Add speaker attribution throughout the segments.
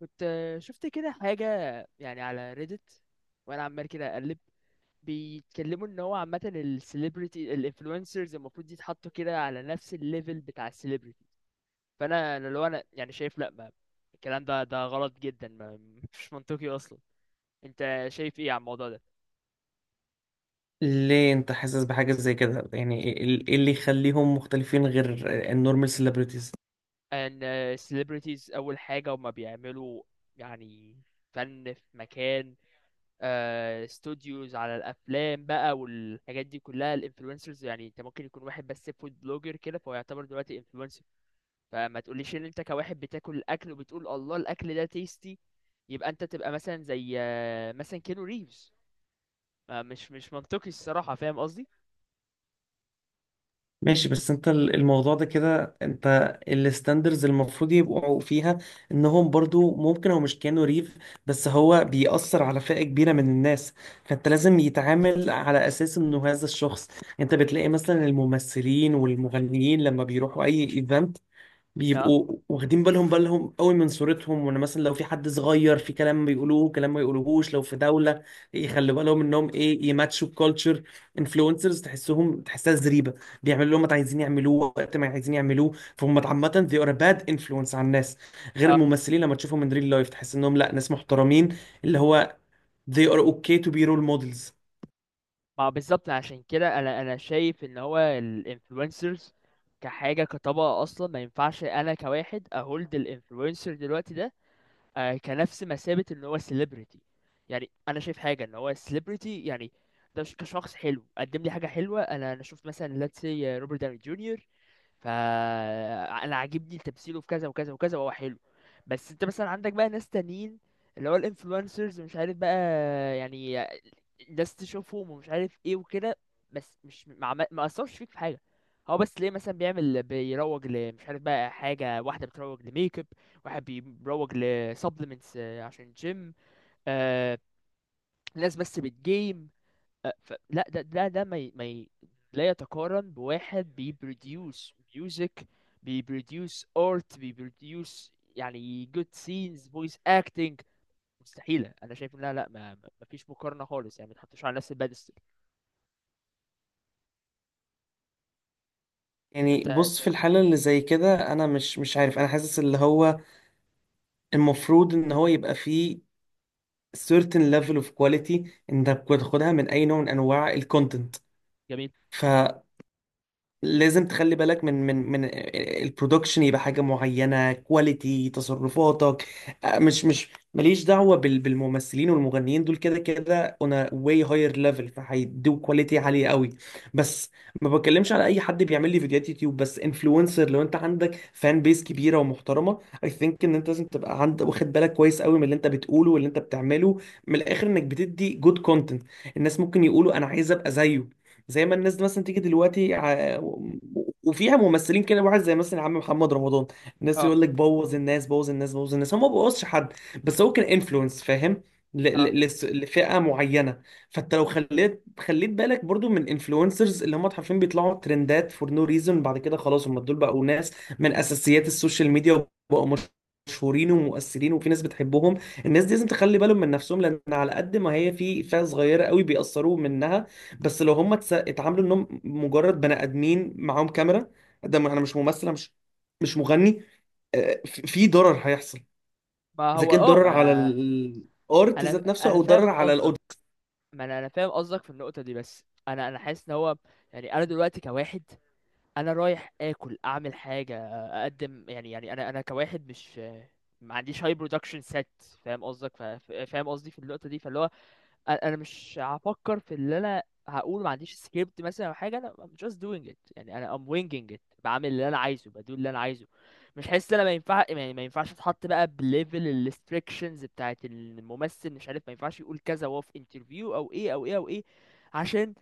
Speaker 1: كنت شفت كده حاجة، يعني على ريدت، وانا عمال كده اقلب. بيتكلموا ان هو عامة السليبرتي الانفلونسرز المفروض يتحطوا كده على نفس الليفل بتاع السليبرتي. فانا لو انا يعني شايف، لا، ما الكلام ده غلط جدا، ما مش منطقي اصلا. انت شايف ايه على الموضوع ده؟
Speaker 2: ليه انت حاسس بحاجة زي كده؟ يعني ايه إيه اللي يخليهم مختلفين غير النورمال سيلبرتيز؟
Speaker 1: ان السليبرتيز اول حاجة، وما بيعملوا يعني فن في مكان، استوديوز على الافلام بقى والحاجات دي كلها. الانفلونسرز يعني انت ممكن يكون واحد بس فود بلوجر كده، فهو يعتبر دلوقتي انفلونسر. فما تقوليش ان انت كواحد بتاكل الاكل وبتقول الله الاكل ده تيستي، يبقى انت تبقى مثلا زي مثلا كينو ريفز. مش منطقي الصراحة، فاهم قصدي؟
Speaker 2: ماشي، بس انت الموضوع ده كده، انت الستاندرز المفروض يبقوا فيها انهم برضو ممكن او مش كانوا ريف، بس هو بيأثر على فئة كبيرة من الناس، فانت لازم يتعامل على اساس انه هذا الشخص. انت بتلاقي مثلا الممثلين والمغنيين لما بيروحوا اي ايفنت
Speaker 1: اه،
Speaker 2: بيبقوا واخدين بالهم قوي من صورتهم، وان مثلا لو في حد صغير في كلام بيقولوه، كلام ما يقولوهوش لو في دولة، يخلوا بالهم انهم ايه، يماتشوا الكالتشر. انفلونسرز تحسها زريبة، بيعملوا اللي هم عايزين يعملوه وقت ما عايزين يعملوه، فهم عامة they are a bad influence على الناس. غير
Speaker 1: اه،
Speaker 2: الممثلين لما تشوفهم من ريل لايف تحس انهم لا، ناس محترمين، اللي هو they are okay to be role models.
Speaker 1: ما بالظبط. عشان كده انا شايف ان هو الانفلونسرز كحاجة، كطبقة، اصلا ما ينفعش انا كواحد اهولد الانفلونسر دلوقتي ده كنفس مثابة ان هو سيلبرتي. يعني انا شايف حاجة ان هو سيلبرتي، يعني ده كشخص حلو، قدم لي حاجة حلوة، انا شفت مثلا let's say روبرت داوني جونيور، فانا عاجبني تمثيله في كذا وكذا وكذا وهو حلو. بس انت مثلا عندك بقى ناس تانيين، اللي هو الانفلونسرز مش عارف بقى يعني، الناس تشوفهم ومش عارف ايه وكده، بس مش ما اثرش فيك في حاجه. هو بس ليه مثلا بيعمل، بيروج لمش عارف بقى، حاجه واحده بتروج لميك اب، واحد بيروج لسبلمنتس عشان جيم. آه ناس بس بتجيم. لا، ده ده ما ي... ما ي... لا يتقارن بواحد بيبروديوس ميوزك، بيبروديوس ارت، بيبروديوس يعني جود سينز، فويس اكتنج، مستحيلة. انا شايف ان، لا لا، ما فيش مقارنة خالص يعني، ما تحطوش على نفس البادستل.
Speaker 2: يعني
Speaker 1: انت
Speaker 2: بص، في
Speaker 1: شايف ايه؟
Speaker 2: الحالة اللي زي كده أنا مش عارف، أنا حاسس اللي هو المفروض إن هو يبقى فيه certain level of quality انت بتاخدها من اي نوع من انواع الكونتنت.
Speaker 1: جميل.
Speaker 2: ف لازم تخلي بالك من من البرودكشن، يبقى حاجة معينة، كواليتي تصرفاتك. مش ماليش دعوة بالممثلين والمغنيين، دول كده كده on a way higher level، فهيدوا كواليتي عالية قوي. بس ما بتكلمش على اي حد بيعمل لي فيديوهات يوتيوب بس، انفلونسر لو انت عندك فان بيس كبيرة ومحترمة، اي ثينك ان انت لازم تبقى عند واخد بالك كويس قوي من اللي انت بتقوله واللي انت بتعمله، من الاخر انك بتدي جود كونتنت. الناس ممكن يقولوا انا عايز ابقى زيه، زي ما الناس مثلا تيجي دلوقتي وفيها ممثلين كده، واحد زي مثلا عم محمد رمضان، الناس
Speaker 1: اه،
Speaker 2: يقول لك بوظ الناس، بوظ الناس، بوظ الناس، هو ما بوظش حد، بس هو كان انفلونس، فاهم،
Speaker 1: اه،
Speaker 2: لفئة معينة. فانت لو خليت بالك برضو من انفلونسرز اللي هم حرفيا بيطلعوا ترندات فور نو ريزون، بعد كده خلاص هم دول بقوا ناس من اساسيات السوشيال ميديا، وبقوا مشهورين ومؤثرين وفي ناس بتحبهم. الناس دي لازم تخلي بالهم من نفسهم، لان على قد ما هي في فئة صغيرة قوي بيأثروا منها، بس لو هم اتعاملوا انهم مجرد بني ادمين معاهم كاميرا، انا مش ممثل، أنا مش مغني، في ضرر هيحصل
Speaker 1: ما
Speaker 2: اذا
Speaker 1: هو
Speaker 2: كان
Speaker 1: اه.
Speaker 2: ضرر على
Speaker 1: ما
Speaker 2: الارت
Speaker 1: انا
Speaker 2: ذات نفسه
Speaker 1: انا
Speaker 2: او ضرر
Speaker 1: فاهم
Speaker 2: على
Speaker 1: قصدك.
Speaker 2: الاوديو.
Speaker 1: ما انا فاهم قصدك في النقطة دي، بس انا حاسس ان هو، يعني انا دلوقتي كواحد، انا رايح اكل اعمل حاجه، اقدم يعني، يعني انا كواحد، مش ما عنديش هاي برودكشن سيت. فاهم قصدك، فاهم قصدي في النقطه دي، فاللي هو انا مش هفكر في اللي انا هقول. ما عنديش سكريبت مثلا او حاجه، انا I'm just doing it، يعني انا I'm winging it، بعمل اللي انا عايزه، بدو اللي انا عايزه. مش حاسس إن انا ما ينفع، يعني ما ينفعش اتحط بقى بليفل الريستريكشنز بتاعت الممثل، مش عارف، ما ينفعش يقول كذا وهو في انترفيو او ايه او ايه او ايه. عشان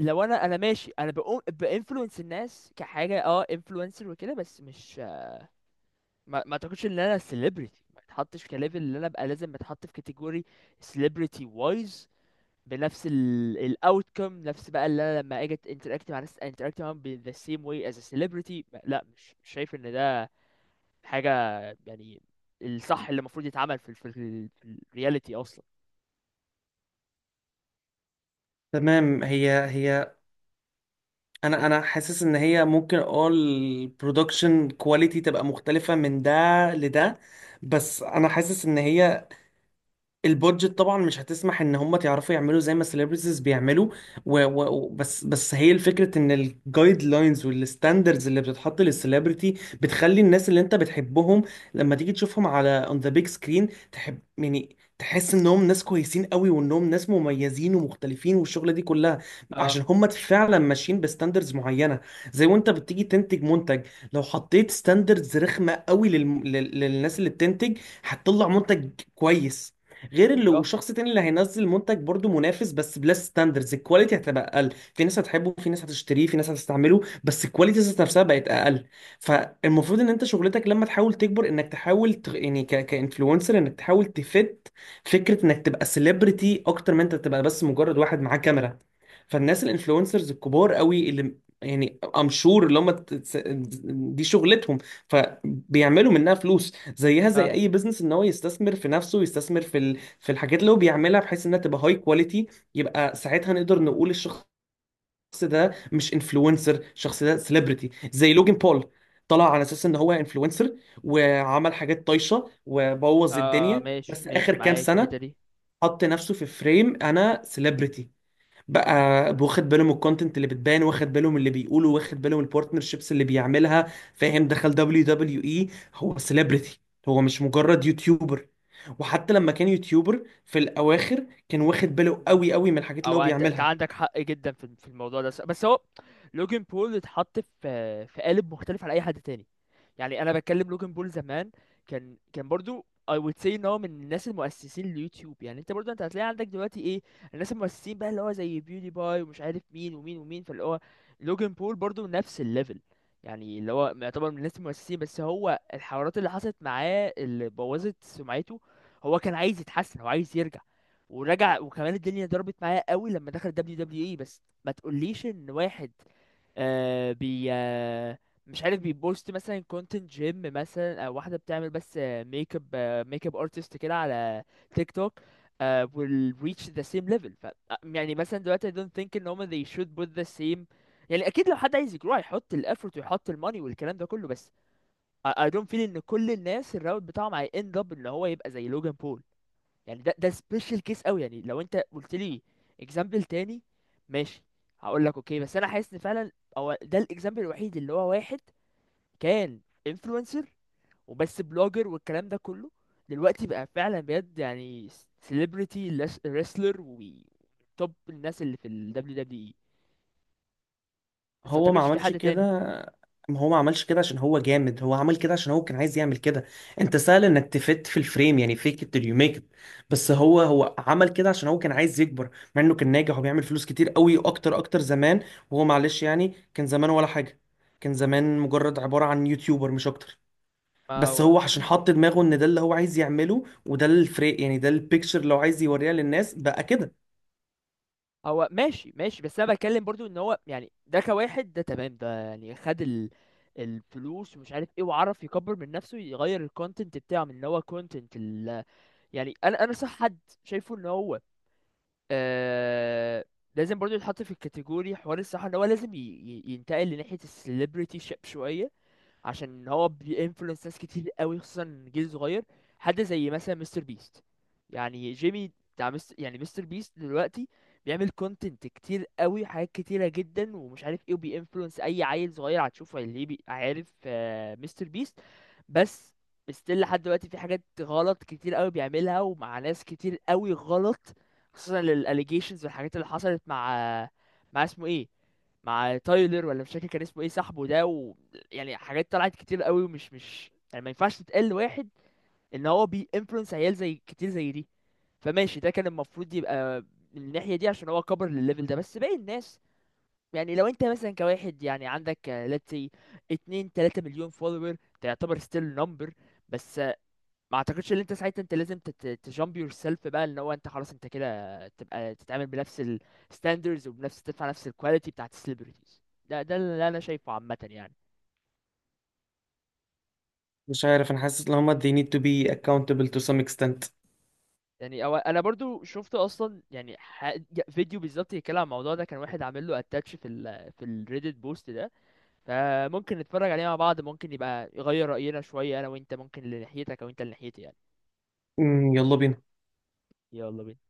Speaker 1: لو انا ماشي، انا بقوم بانفلونس الناس كحاجه، اه، انفلونسر وكده، بس مش ما اعتقدش ان انا سيلبرتي، ما اتحطش كليفل اللي انا ابقى لازم اتحط في كاتيجوري سيلبرتي وايز، بنفس الاوتكم، نفس بقى، اللي انا لما اجي انتراكت مع ناس انتراكت معاهم ب the same way as a celebrity. لا، مش شايف ان ده حاجه يعني الصح اللي المفروض يتعمل في الرياليتي اصلا.
Speaker 2: تمام، هي انا حاسس ان هي ممكن اه البرودكشن كواليتي تبقى مختلفة من ده لده، بس انا حاسس ان هي البودجت طبعا مش هتسمح ان هم تعرفوا يعملوا زي ما السليبرتيز بيعملوا. بس هي الفكره ان الجايد لاينز والستاندردز اللي بتتحط للسليبرتي بتخلي الناس اللي انت بتحبهم لما تيجي تشوفهم على اون ذا بيج سكرين تحب، يعني تحس انهم ناس كويسين قوي وانهم ناس مميزين ومختلفين والشغله دي كلها، عشان
Speaker 1: اه،
Speaker 2: هم فعلا ماشيين بستاندردز معينه. زي وانت بتيجي تنتج منتج، لو حطيت ستاندردز رخمه قوي للناس اللي بتنتج هتطلع منتج كويس، غير اللي
Speaker 1: اكيد، اه،
Speaker 2: والشخص التاني اللي هينزل منتج برضو منافس بس بلس ستاندردز الكواليتي هتبقى اقل، في ناس هتحبه، في ناس هتشتريه، في ناس هتستعمله، بس الكواليتي ذات نفسها بقت اقل. فالمفروض ان انت شغلتك لما تحاول تكبر انك تحاول ت... يعني ك... كانفلونسر، انك تحاول تفت فكرة انك تبقى سيلبرتي اكتر من انت تبقى بس مجرد واحد معاه كاميرا. فالناس الانفلونسرز الكبار قوي اللي يعني ام شور اللي هم دي شغلتهم، فبيعملوا منها فلوس زيها زي
Speaker 1: اه،
Speaker 2: اي بزنس، ان هو يستثمر في نفسه، يستثمر في في الحاجات اللي هو بيعملها بحيث انها تبقى هاي كواليتي. يبقى ساعتها نقدر نقول الشخص ده مش انفلونسر، الشخص ده سيلبرتي. زي لوجن بول، طلع على اساس ان هو انفلونسر وعمل حاجات طايشه وبوظ
Speaker 1: اه،
Speaker 2: الدنيا،
Speaker 1: ماشي
Speaker 2: بس اخر
Speaker 1: ماشي
Speaker 2: كام
Speaker 1: معاك في الحته
Speaker 2: سنه
Speaker 1: دي.
Speaker 2: حط نفسه في فريم انا سيلبرتي بقى، واخد باله من الكونتنت اللي بتبان، واخد باله من اللي بيقوله، واخد باله من البارتنرشيبس اللي بيعملها، فاهم، دخل دبليو دبليو اي، هو سيلبرتي، هو مش مجرد يوتيوبر. وحتى لما كان يوتيوبر في الاواخر كان واخد باله قوي قوي من الحاجات اللي هو
Speaker 1: او انت
Speaker 2: بيعملها.
Speaker 1: عندك حق جدا في الموضوع ده، بس هو لوجن بول اتحط في قالب مختلف عن اي حد تاني. يعني انا بتكلم لوجن بول زمان، كان برضو I would say ان هو من الناس المؤسسين ليوتيوب. يعني انت برضو انت هتلاقي عندك دلوقتي ايه، الناس المؤسسين بقى اللي هو زي بيودي باي ومش عارف مين ومين ومين، فاللي هو لوجن بول برضو نفس الليفل. يعني اللي هو يعتبر من الناس المؤسسين، بس هو الحوارات اللي حصلت معاه اللي بوظت سمعته. هو كان عايز يتحسن، هو عايز يرجع، ورجع، وكمان الدنيا ضربت معاه قوي لما دخل دبليو دبليو اي. بس ما تقوليش ان واحد آه بي آه مش عارف، بيبوست مثلا كونتنت جيم مثلا، او واحده بتعمل بس ميك اب ميك اب ارتست كده على تيك توك، will reach the same level. ف يعني مثلا دلوقتي I don't think ان هما they should put the same. يعني اكيد لو حد عايز يجرو هيحط ال effort ويحط الماني والكلام ده كله، بس I don't feel ان كل الناس الراوت بتاعهم هي end up ان هو يبقى زي لوجان بول. يعني ده سبيشال كيس قوي. يعني لو انت قلت لي اكزامبل تاني، ماشي، هقول لك اوكي، بس انا حاسس ان فعلا هو ده الاكزامبل الوحيد، اللي هو واحد كان انفلونسر وبس بلوجر والكلام ده كله، دلوقتي بقى فعلا بجد يعني سيلبرتي، ريسلر، وتوب الناس اللي في ال WWE. بس ما
Speaker 2: هو ما
Speaker 1: اعتقدش في
Speaker 2: عملش
Speaker 1: حد
Speaker 2: كده،
Speaker 1: تاني.
Speaker 2: ما هو ما عملش كده عشان هو جامد، هو عمل كده عشان هو كان عايز يعمل كده. انت سهل انك تفت في الفريم، يعني فيك it till you make it، بس هو عمل كده عشان هو كان عايز يكبر مع انه كان ناجح وبيعمل فلوس كتير قوي، اكتر زمان. وهو معلش يعني كان زمان ولا حاجة، كان زمان مجرد عبارة عن يوتيوبر مش اكتر،
Speaker 1: ما
Speaker 2: بس
Speaker 1: هو
Speaker 2: هو عشان حط دماغه ان ده اللي هو عايز يعمله وده الفريق، يعني ده البيكتشر اللي هو عايز يوريها للناس بقى كده.
Speaker 1: هو ماشي ماشي، بس انا بتكلم برضو ان هو يعني ده كواحد، ده تمام، ده يعني خد ال... الفلوس ومش عارف ايه وعرف يكبر من نفسه، يغير الكونتنت بتاعه من ان هو كونتنت ال... يعني انا صح حد شايفه ان هو آه... لازم برضو يتحط في الكاتيجوري، حوار الصح ان هو لازم ينتقل لناحية السليبرتي شيب شوية، عشان هو بينفلونس ناس كتير قوي، خصوصا جيل صغير. حد زي مثلا مستر بيست، يعني جيمي بتاع مستر، يعني مستر بيست دلوقتي بيعمل كونتنت كتير قوي، حاجات كتيرة جدا ومش عارف ايه، وبينفلونس اي عيل صغير هتشوفه اللي عارف مستر بيست. بس ستيل لحد دلوقتي في حاجات غلط كتير قوي بيعملها، ومع ناس كتير قوي غلط، خصوصا للاليجيشنز والحاجات اللي حصلت مع، مع اسمه ايه، مع تايلر، ولا مش فاكر كان اسمه ايه صاحبه ده، و... يعني حاجات طلعت كتير قوي، ومش مش يعني ما ينفعش تتقال لواحد ان هو بي influence عيال زي كتير زي دي. فماشي، ده كان المفروض يبقى من الناحية دي، عشان هو كبر للليفل ده. بس باقي الناس، يعني لو انت مثلا كواحد يعني عندك let's say 2 3 مليون follower، ده يعتبر still number، بس ما اعتقدش ان انت ساعتها انت لازم تجامب يور سيلف بقى ان هو انت خلاص انت كده تبقى تتعامل بنفس الستاندرز، وبنفس تدفع نفس الكواليتي بتاعت السليبرتيز. ده اللي انا شايفه عامه يعني.
Speaker 2: مش عارف، انا حاسس ان هما they need to be accountable to some extent.
Speaker 1: يعني أو انا برضو شفت اصلا، يعني فيديو بالظبط يتكلم عن الموضوع ده، كان واحد عامل له اتاتش في ال، في الريديت بوست ده. فممكن نتفرج عليه مع بعض، ممكن يبقى يغير راينا شويه، انا وانت، ممكن لناحيتك او انت لناحيتي يعني.
Speaker 2: يلا بينا.
Speaker 1: يلا بينا.